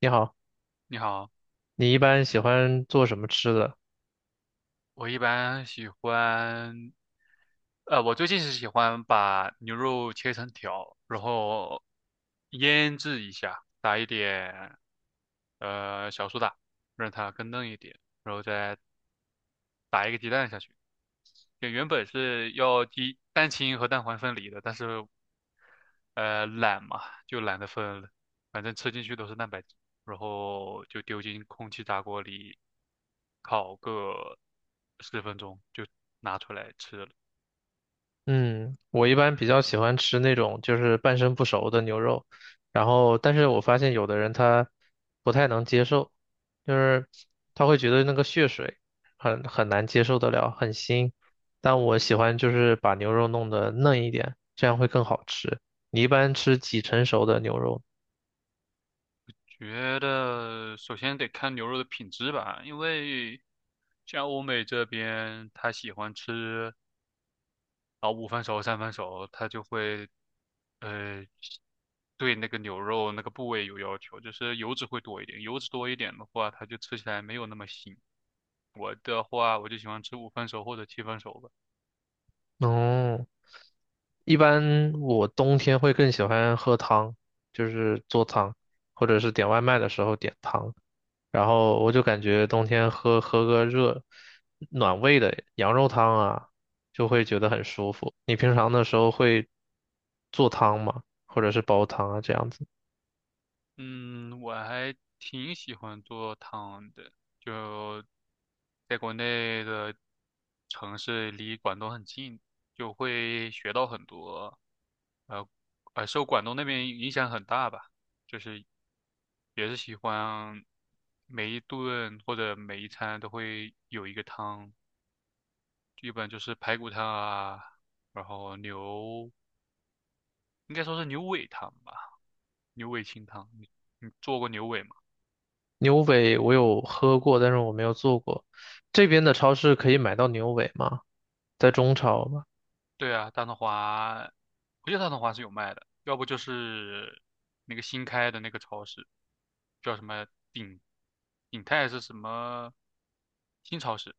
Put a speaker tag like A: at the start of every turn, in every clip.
A: 你好，
B: 你好，
A: 你一般喜欢做什么吃的？
B: 我一般喜欢，我最近是喜欢把牛肉切成条，然后腌制一下，打一点小苏打，让它更嫩一点，然后再打一个鸡蛋下去。就原本是要鸡蛋清和蛋黄分离的，但是懒嘛，就懒得分了，反正吃进去都是蛋白质，然后就丢进空气炸锅里烤个10分钟，就拿出来吃了。
A: 嗯，我一般比较喜欢吃那种就是半生不熟的牛肉，然后但是我发现有的人他不太能接受，就是他会觉得那个血水很难接受得了，很腥。但我喜欢就是把牛肉弄得嫩一点，这样会更好吃。你一般吃几成熟的牛肉呢？
B: 觉得首先得看牛肉的品质吧，因为像欧美这边他喜欢吃。然后五分熟、三分熟，它就会呃对那个牛肉那个部位有要求，就是油脂会多一点，油脂多一点的话，它就吃起来没有那么腥。我的话，我就喜欢吃五分熟或者七分熟吧。
A: 哦，一般我冬天会更喜欢喝汤，就是做汤，或者是点外卖的时候点汤。然后我就感觉冬天喝个热暖胃的羊肉汤啊，就会觉得很舒服。你平常的时候会做汤吗？或者是煲汤啊这样子？
B: 嗯，我还挺喜欢做汤的，就在国内的城市离广东很近，就会学到很多，呃，受广东那边影响很大吧，就是也是喜欢每一顿或者每一餐都会有一个汤，基本就是排骨汤啊，然后牛，应该说是牛尾汤吧，牛尾清汤。你做过牛尾吗？
A: 牛尾我有喝过，但是我没有做过。这边的超市可以买到牛尾吗？在中超吗？
B: 对啊，大统华，我记得大统华是有卖的，要不就是那个新开的那个超市，叫什么鼎鼎泰是什么新超市，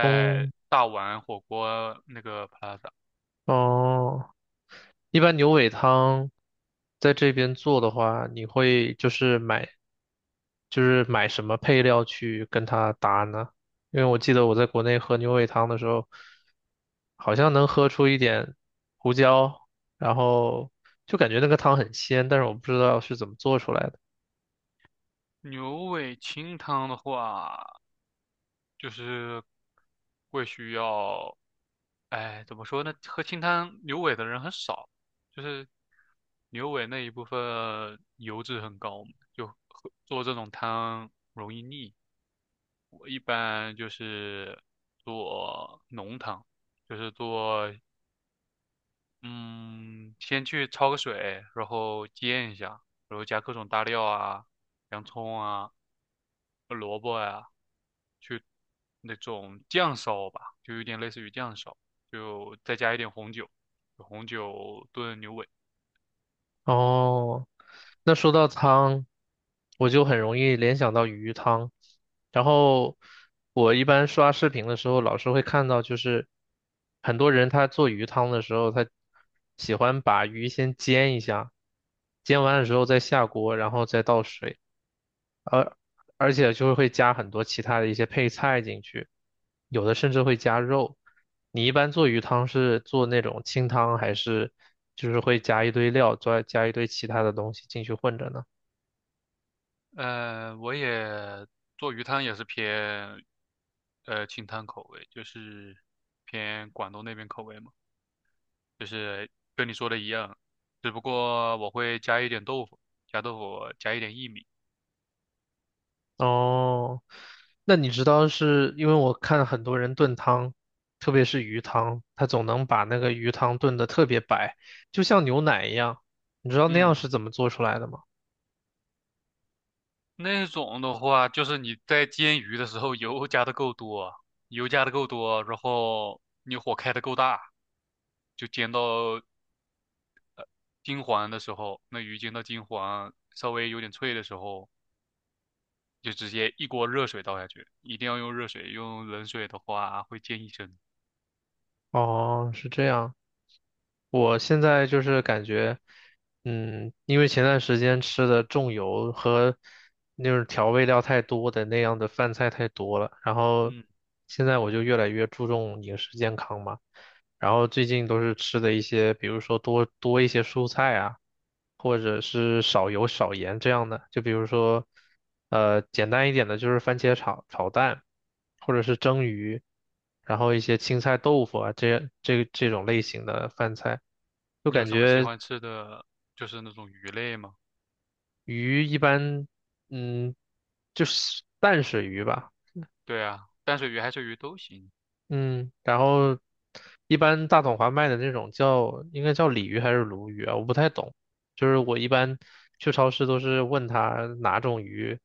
A: 中，
B: 大碗火锅那个 Plaza。
A: 哦。一般牛尾汤在这边做的话，你会就是买，就是买什么配料去跟它搭呢？因为我记得我在国内喝牛尾汤的时候，好像能喝出一点胡椒，然后就感觉那个汤很鲜，但是我不知道是怎么做出来的。
B: 牛尾清汤的话，就是会需要，哎，怎么说呢？喝清汤牛尾的人很少，就是牛尾那一部分油脂很高嘛就喝做这种汤容易腻。我一般就是做浓汤，就是做嗯，先去焯个水，然后煎一下，然后加各种大料啊，洋葱啊，萝卜呀、去那种酱烧吧，就有点类似于酱烧，就再加一点红酒，红酒炖牛尾。
A: 哦，那说到汤，我就很容易联想到鱼汤。然后我一般刷视频的时候，老是会看到，就是很多人他做鱼汤的时候，他喜欢把鱼先煎一下，煎完了之后再下锅，然后再倒水。而而且就是会加很多其他的一些配菜进去，有的甚至会加肉。你一般做鱼汤是做那种清汤，还是就是会加一堆料，再加一堆其他的东西进去混着呢？
B: 我也做鱼汤也是偏清汤口味，就是偏广东那边口味嘛，就是跟你说的一样，只不过我会加一点豆腐，加豆腐，加一点薏米。
A: 哦，那你知道是因为我看很多人炖汤，特别是鱼汤，他总能把那个鱼汤炖得特别白，就像牛奶一样。你知道那样
B: 嗯，
A: 是怎么做出来的吗？
B: 那种的话，就是你在煎鱼的时候油加的够多，油加的够多，然后你火开的够大，就煎到金黄的时候，那鱼煎到金黄，稍微有点脆的时候，就直接一锅热水倒下去，一定要用热水，用冷水的话会溅一身。
A: 哦，是这样。我现在就是感觉，嗯，因为前段时间吃的重油和那种调味料太多的那样的饭菜太多了，然后
B: 嗯，
A: 现在我就越来越注重饮食健康嘛。然后最近都是吃的一些，比如说多多一些蔬菜啊，或者是少油少盐这样的。就比如说，简单一点的就是番茄炒蛋，或者是蒸鱼，然后一些青菜豆腐啊，这种类型的饭菜，就
B: 你有
A: 感
B: 什么喜
A: 觉
B: 欢吃的，就是那种鱼类吗？
A: 鱼一般，嗯，就是淡水鱼吧。
B: 对啊，淡水鱼、海水鱼都行。
A: 嗯，然后一般大统华卖的那种叫应该叫鲤鱼还是鲈鱼啊？我不太懂，就是我一般去超市都是问他哪种鱼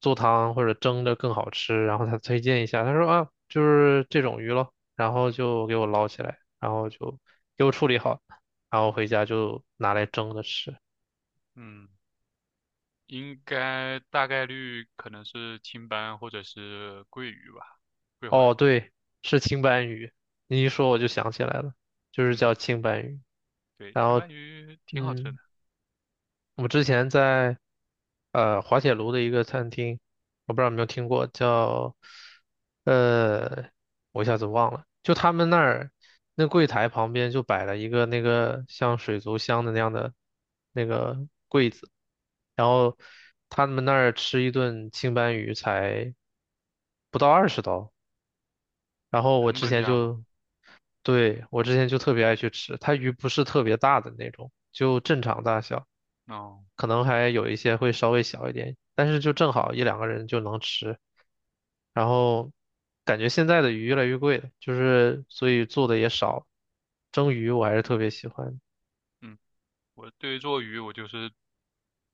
A: 做汤或者蒸着更好吃，然后他推荐一下，他说啊就是这种鱼咯，然后就给我捞起来，然后就给我处理好，然后回家就拿来蒸着吃。
B: 嗯。应该大概率可能是青斑或者是桂鱼吧，桂花
A: 哦，
B: 鱼。
A: 对，是青斑鱼，你一说我就想起来了，就是
B: 嗯，
A: 叫青斑鱼，
B: 对，
A: 然
B: 青
A: 后。
B: 斑鱼挺好吃
A: 嗯，
B: 的，
A: 我之前在滑铁卢的一个餐厅，我不知道有没有听过，叫呃，我一下子忘了，就他们那儿那柜台旁边就摆了一个那个像水族箱的那样的那个柜子，然后他们那儿吃一顿青斑鱼才不到20刀，然后我
B: 成
A: 之
B: 本
A: 前
B: 价嘛。
A: 就，对，我之前就特别爱去吃，它鱼不是特别大的那种，就正常大小。
B: 哦，
A: 可能还有一些会稍微小一点，但是就正好一两个人就能吃。然后感觉现在的鱼越来越贵了，就是所以做的也少。蒸鱼我还是特别喜欢，
B: 嗯，我对于做鱼我就是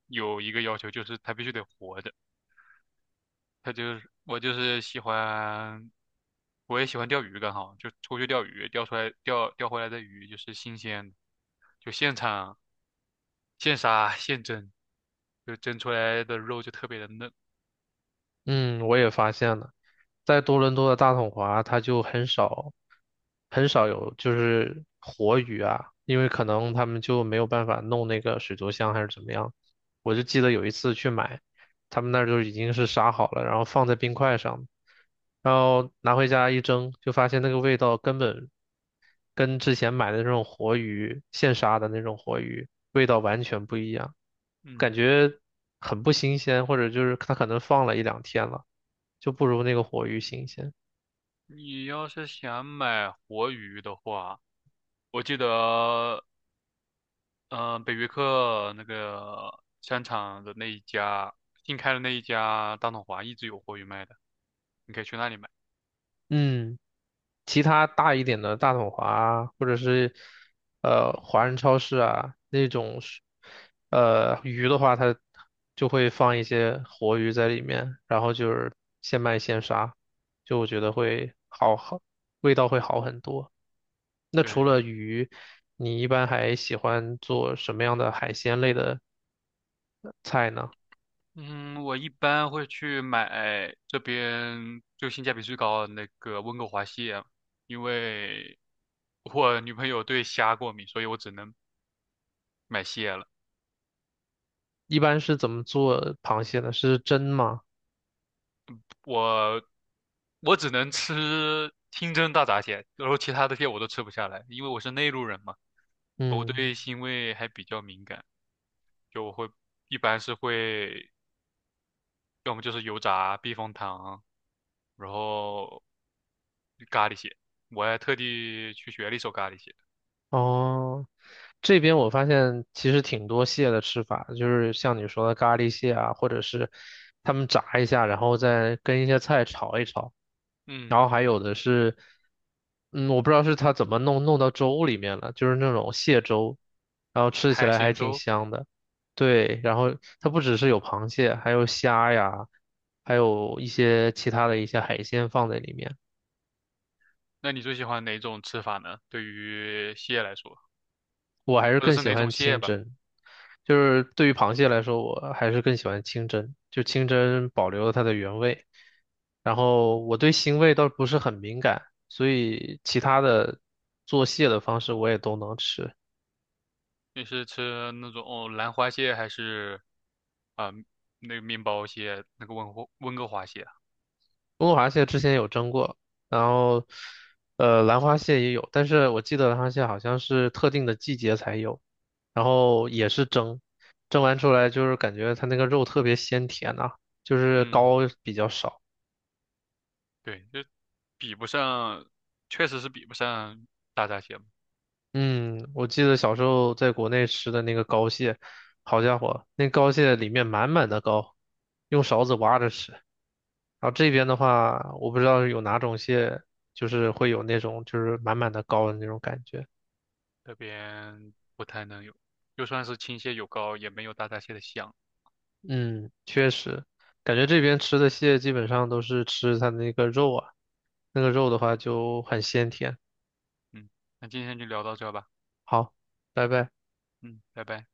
B: 有一个要求，就是它必须得活着。它就是我就是喜欢，我也喜欢钓鱼，刚好就出去钓鱼，钓出来钓回来的鱼就是新鲜的，就现场现杀现蒸，就蒸出来的肉就特别的嫩。
A: 嗯，我也发现了。在多伦多的大统华，它就很少很少有就是活鱼啊，因为可能他们就没有办法弄那个水族箱还是怎么样。我就记得有一次去买，他们那儿就已经是杀好了，然后放在冰块上，然后拿回家一蒸，就发现那个味道根本跟之前买的那种活鱼，现杀的那种活鱼，味道完全不一样，感
B: 嗯。
A: 觉很不新鲜，或者就是它可能放了一两天了，就不如那个活鱼新鲜。
B: 你要是想买活鱼的话，我记得，嗯、北约克那个商场的那一家，新开的那一家大统华一直有活鱼卖的，你可以去那里买。
A: 嗯，其他大一点的大统华啊，或者是华人超市啊那种是，鱼的话，它就会放一些活鱼在里面，然后就是现卖现杀，就我觉得会好，味道会好很多。那除了
B: 对，
A: 鱼，你一般还喜欢做什么样的海鲜类的菜呢？
B: 嗯，我一般会去买这边就性价比最高的那个温哥华蟹，因为我女朋友对虾过敏，所以我只能买蟹了。
A: 一般是怎么做螃蟹的？是蒸吗？
B: 我我只能吃清蒸大闸蟹，然后其他的蟹我都吃不下来，因为我是内陆人嘛，我
A: 嗯，
B: 对腥味还比较敏感，就我会一般是会要么就是油炸避风塘，然后咖喱蟹，我还特地去学了一手咖喱蟹。
A: 哦。这边我发现其实挺多蟹的吃法，就是像你说的咖喱蟹啊，或者是他们炸一下，然后再跟一些菜炒一炒，然
B: 嗯，
A: 后还有的是，嗯，我不知道是它怎么弄到粥里面了，就是那种蟹粥，然后吃起
B: 海
A: 来还
B: 鲜
A: 挺
B: 粥，
A: 香的。对，然后它不只是有螃蟹，还有虾呀，还有一些其他的一些海鲜放在里面。
B: 那你最喜欢哪种吃法呢？对于蟹来说，
A: 我还是
B: 或者
A: 更
B: 是
A: 喜
B: 哪种
A: 欢
B: 蟹
A: 清
B: 吧？
A: 蒸，就是对于螃蟹来说，我还是更喜欢清蒸，就清蒸保留了它的原味。然后我对腥味倒不是很敏感，所以其他的做蟹的方式我也都能吃。
B: 你是吃那种哦兰花蟹还是啊、那个面包蟹，那个温哥华蟹啊？
A: 中国螃蟹之前有蒸过，然后兰花蟹也有，但是我记得兰花蟹好像是特定的季节才有，然后也是蒸，蒸完出来就是感觉它那个肉特别鲜甜呐、就是
B: 嗯，
A: 膏比较少。
B: 对，就比不上，确实是比不上大闸蟹嘛
A: 嗯，我记得小时候在国内吃的那个膏蟹，好家伙，那膏蟹里面满满的膏，用勺子挖着吃。然后这边的话，我不知道有哪种蟹，就是会有那种就是满满的膏的那种感觉。
B: 这边不太能有，就算是青蟹有膏，也没有大闸蟹的香。
A: 嗯，确实，感觉这边吃的蟹基本上都是吃它那个肉啊，那个肉的话就很鲜甜。
B: 嗯，那今天就聊到这吧。
A: 好，拜拜。
B: 嗯，拜拜。